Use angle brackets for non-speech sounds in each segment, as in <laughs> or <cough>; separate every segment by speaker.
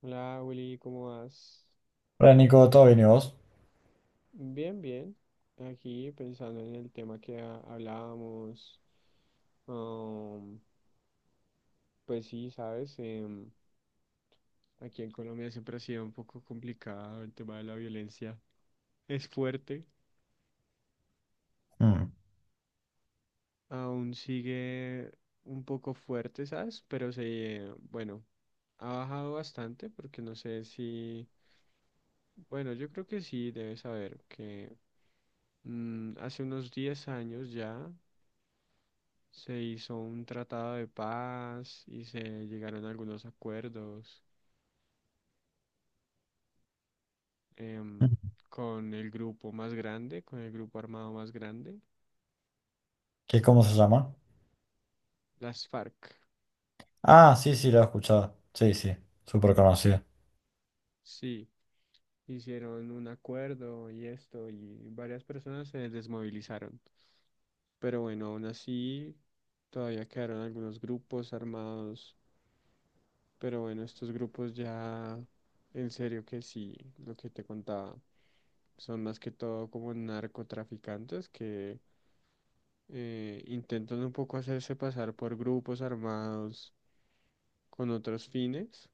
Speaker 1: Hola Willy, ¿cómo vas?
Speaker 2: Hola Nico, ¿todo bien y vos?
Speaker 1: Bien, bien. Aquí pensando en el tema que hablábamos. um, pues sí, sabes, aquí en Colombia siempre ha sido un poco complicado el tema de la violencia. Es fuerte,
Speaker 2: Mm.
Speaker 1: aún sigue un poco fuerte, ¿sabes? Pero se, bueno, ha bajado bastante porque no sé si, bueno, yo creo que sí, debes saber que hace unos 10 años ya. Se hizo un tratado de paz y se llegaron a algunos acuerdos em, con el grupo más grande, con el grupo armado más grande,
Speaker 2: ¿Qué, cómo se llama?
Speaker 1: las FARC.
Speaker 2: Ah, sí, sí, lo he escuchado. Sí, sí, súper conocido.
Speaker 1: Sí, hicieron un acuerdo y esto, y varias personas se desmovilizaron. Pero bueno, aún así todavía quedaron algunos grupos armados. Pero bueno, estos grupos ya, en serio que sí, lo que te contaba, son más que todo como narcotraficantes que intentan un poco hacerse pasar por grupos armados con otros fines,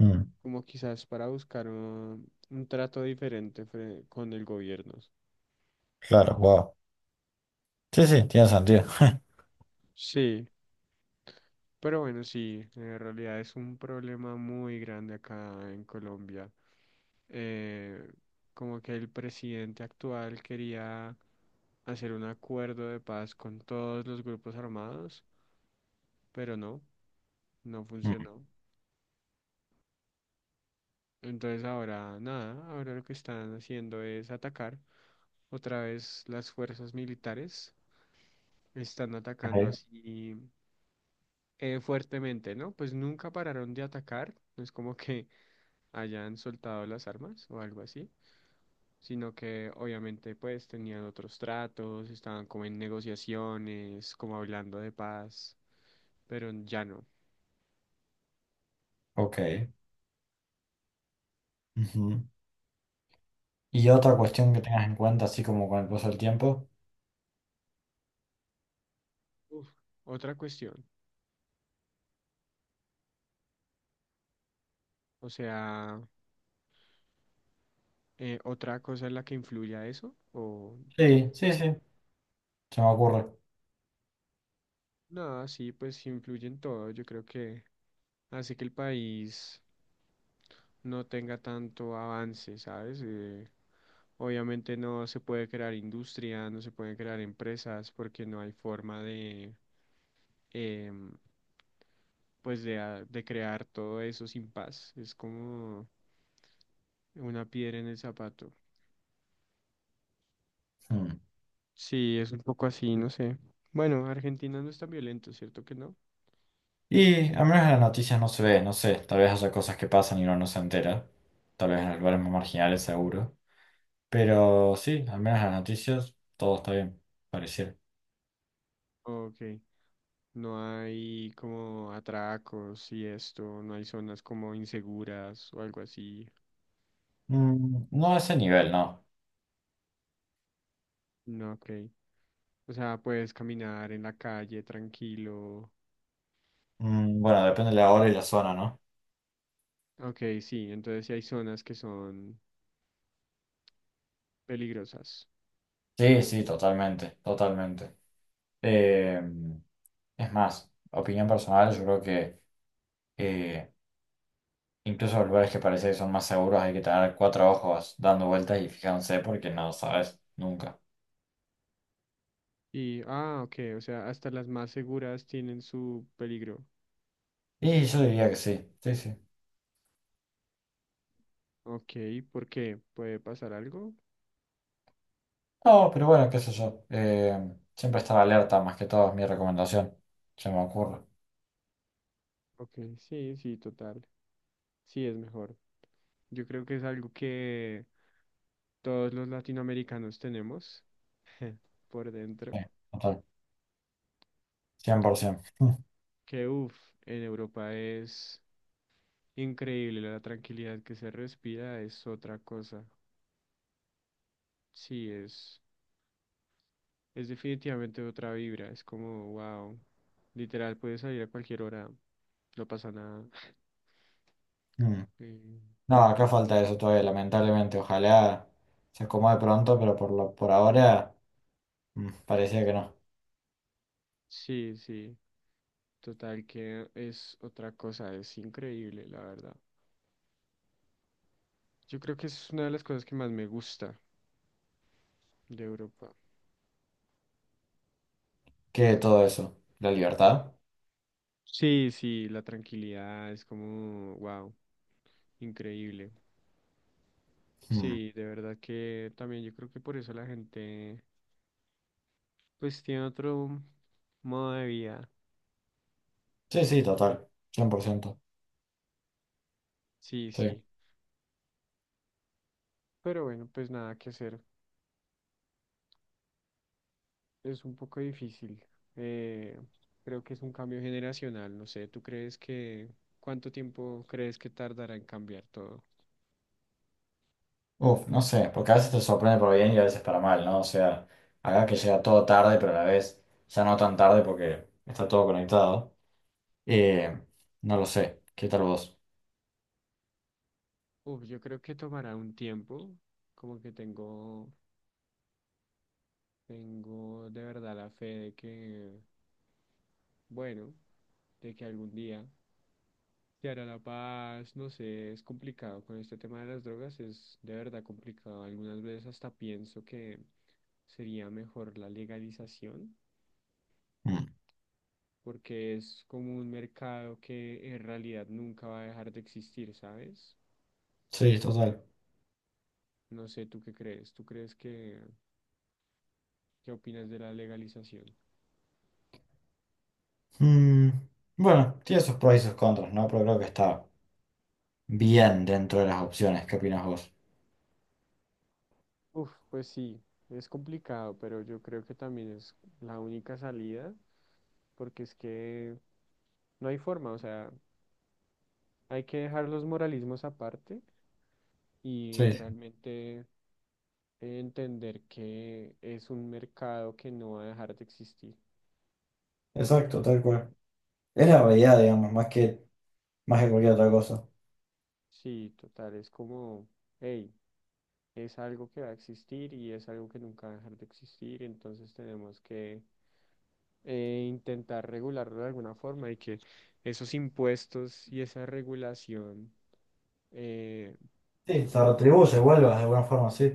Speaker 2: Mm.
Speaker 1: como quizás para buscar un trato diferente con el gobierno.
Speaker 2: Claro, wow. Sí, sí, tiene sentido.
Speaker 1: Sí, pero bueno, sí, en realidad es un problema muy grande acá en Colombia. Eh, Como que el presidente actual quería hacer un acuerdo de paz con todos los grupos armados, pero no, no
Speaker 2: Mm.
Speaker 1: funcionó. Entonces ahora nada, ahora lo que están haciendo es atacar. Otra vez las fuerzas militares están atacando
Speaker 2: Ok,
Speaker 1: así fuertemente, ¿no? Pues nunca pararon de atacar, no es como que <laughs> hayan soltado las armas o algo así, sino que obviamente pues tenían otros tratos, estaban como en negociaciones, como hablando de paz, pero ya no.
Speaker 2: ok. Ujú. ¿Y otra
Speaker 1: Y,
Speaker 2: cuestión que tengas en cuenta, así como con el paso del tiempo?
Speaker 1: uf, otra cuestión, o sea... ¿Otra cosa es la que influye a eso? ¿O que...
Speaker 2: Sí, sí, sí, se me ocurre.
Speaker 1: Nada, sí, pues influye en todo. Yo creo que hace que el país no tenga tanto avance, ¿sabes? Obviamente no se puede crear industria, no se pueden crear empresas porque no hay forma de, em, pues de, de crear todo eso sin paz. Es como una piedra en el zapato.
Speaker 2: Mm.
Speaker 1: Sí, es un poco así, no sé. Bueno, Argentina no es tan violento, ¿cierto que no?
Speaker 2: Y al menos en las noticias no se ve, no sé, tal vez haya cosas que pasan y uno no se entera. Tal vez en los lugares más marginales, seguro. Pero sí, al menos en las noticias todo está bien, pareciera.
Speaker 1: Ok. No hay como atracos y esto, no hay zonas como inseguras o algo así.
Speaker 2: Mm, no a ese nivel, no.
Speaker 1: No, ok. O sea, puedes caminar en la calle tranquilo.
Speaker 2: Mm, bueno, depende de la hora y la zona, ¿no?
Speaker 1: Ok, sí, entonces sí hay zonas que son peligrosas.
Speaker 2: Sí, sí, totalmente, totalmente. Eh, es más, opinión personal, yo creo que eh, incluso los lugares que parece que son más seguros hay que tener cuatro ojos dando vueltas y fijándose porque no sabes nunca.
Speaker 1: Y, ah, ok, o sea, hasta las más seguras tienen su peligro.
Speaker 2: Y yo diría que sí, sí, sí.
Speaker 1: Ok, ¿por qué? ¿Puede pasar algo?
Speaker 2: No, pero bueno, qué sé yo. Siempre estar alerta, más que todo es mi recomendación. Se me ocurre.
Speaker 1: Ok, sí, sí, total. Sí, es mejor. Yo creo que es algo que todos los latinoamericanos tenemos <laughs> por
Speaker 2: Sí,
Speaker 1: dentro.
Speaker 2: total, 100%.
Speaker 1: Que uff, en Europa es increíble la tranquilidad que se respira, es otra cosa. Sí, es, es definitivamente otra vibra. Es como, wow, literal, puedes salir a cualquier hora, no pasa nada. <laughs>
Speaker 2: <laughs>
Speaker 1: Eh,
Speaker 2: No, acá falta eso todavía, lamentablemente. Ojalá se acomode pronto, por ahora mm, parecía que no.
Speaker 1: Sí, sí, total que es otra cosa, es increíble, la verdad. Yo creo que es una de las cosas que más me gusta de Europa.
Speaker 2: ¿Qué todo eso? ¿La libertad?
Speaker 1: Sí, sí, la tranquilidad es como, wow, increíble.
Speaker 2: Mm.
Speaker 1: Sí, de verdad que también yo creo que por eso la gente pues tiene otro modo de vida.
Speaker 2: Sí, sí, total. Cien por ciento.
Speaker 1: Sí,
Speaker 2: Sí.
Speaker 1: sí. Pero bueno, pues nada que hacer. Es un poco difícil. Eh, Creo que es un cambio generacional. No sé, ¿tú crees que cuánto tiempo crees que tardará en cambiar todo?
Speaker 2: Uf, no sé, porque a veces te sorprende para bien y a veces para mal, ¿no? O sea, acá que llega todo tarde, pero a la vez ya no tan tarde porque está todo conectado. Eh, no lo sé. ¿Qué tal vos?
Speaker 1: Uf, yo creo que tomará un tiempo. Como que tengo, Tengo de verdad la fe de que... Bueno, de que algún día se hará la paz, no sé, es complicado. Con este tema de las drogas es de verdad complicado. Algunas veces hasta pienso que sería mejor la legalización,
Speaker 2: Mm.
Speaker 1: porque es como un mercado que en realidad nunca va a dejar de existir, ¿sabes?
Speaker 2: Sí, total.
Speaker 1: No sé, ¿tú qué crees? ¿Tú crees que, qué opinas de la legalización?
Speaker 2: Mm, bueno, tiene sus pros y sus contras, ¿no? Pero creo que está bien dentro de las opciones. ¿Qué opinas vos?
Speaker 1: Uf, pues sí, es complicado, pero yo creo que también es la única salida, porque es que no hay forma, o sea, hay que dejar los moralismos aparte y
Speaker 2: Sí, sí,
Speaker 1: realmente entender que es un mercado que no va a dejar de existir.
Speaker 2: exacto, tal cual. Es la habilidad, digamos, más que cualquier otra cosa.
Speaker 1: Sí, total, es como, hey, es algo que va a existir y es algo que nunca va a dejar de existir, entonces tenemos que intentar regularlo de alguna forma y que esos impuestos y esa regulación, eh,
Speaker 2: Sí, se retribuye, vuelvas de alguna forma, sí.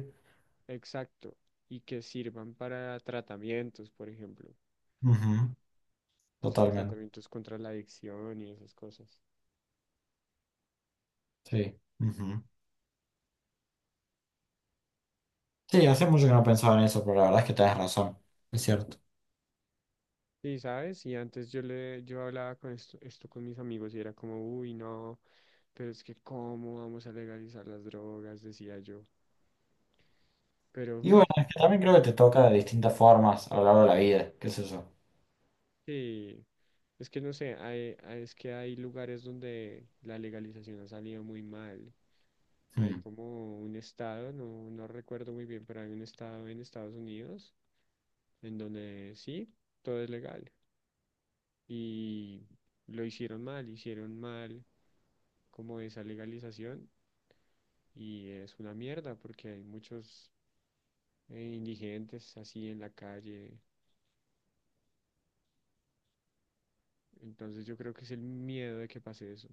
Speaker 1: exacto, y que sirvan para tratamientos, por ejemplo,
Speaker 2: Ujú.
Speaker 1: o sea,
Speaker 2: Totalmente,
Speaker 1: tratamientos contra la adicción y esas cosas.
Speaker 2: sí. Ujú. Sí, hace mucho que no pensaba en eso, pero la verdad es que tenés razón, es cierto.
Speaker 1: Sí, ¿sabes? Y antes yo hablaba con esto con mis amigos y era como, uy, no, pero es que ¿cómo vamos a legalizar las drogas? Decía yo. Pero
Speaker 2: Y bueno, es que también creo que
Speaker 1: eh,
Speaker 2: te toca de distintas formas a lo largo de la vida, qué sé yo.
Speaker 1: sí, es que no sé, es que hay lugares donde la legalización ha salido muy mal. Hay
Speaker 2: Mm.
Speaker 1: como un estado, no, no recuerdo muy bien, pero hay un estado en Estados Unidos en donde sí, todo es legal. Y lo hicieron mal como esa legalización y es una mierda porque hay muchos indigentes así en la calle. Entonces yo creo que es el miedo de que pase eso.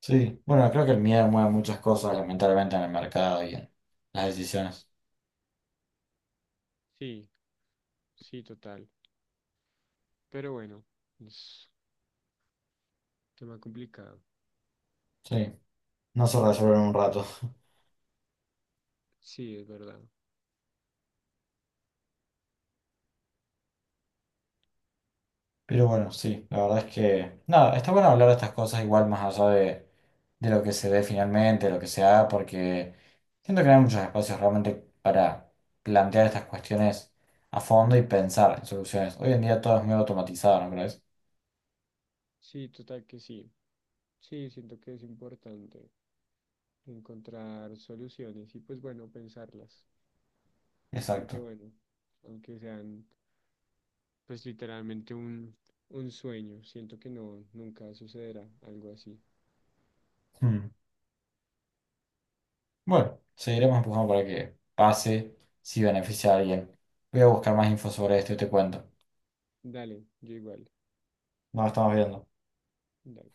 Speaker 2: Sí, bueno, creo que el miedo mueve muchas cosas, lamentablemente, en el mercado y en las decisiones.
Speaker 1: Sí, sí, total. Pero bueno, es un tema complicado.
Speaker 2: Sí, no se resuelve en un rato.
Speaker 1: Sí, es verdad.
Speaker 2: Pero bueno, sí, la verdad es que, nada, está bueno hablar de estas cosas igual de lo que se dé finalmente, lo que se haga, porque siento que no hay muchos espacios realmente para plantear estas cuestiones a fondo y pensar en soluciones. Hoy en día todo es medio automatizado, ¿no crees?
Speaker 1: Sí, total que sí. Sí, siento que es importante encontrar soluciones y pues bueno, pensarlas. Aunque
Speaker 2: Exacto.
Speaker 1: bueno, aunque sean pues literalmente un sueño, siento que no, nunca sucederá algo así.
Speaker 2: Mm. Bueno, seguiremos empujando para que pase, si beneficia a alguien. Voy a buscar más info sobre esto y te cuento.
Speaker 1: Dale, yo igual.
Speaker 2: Nos estamos viendo.
Speaker 1: Dale.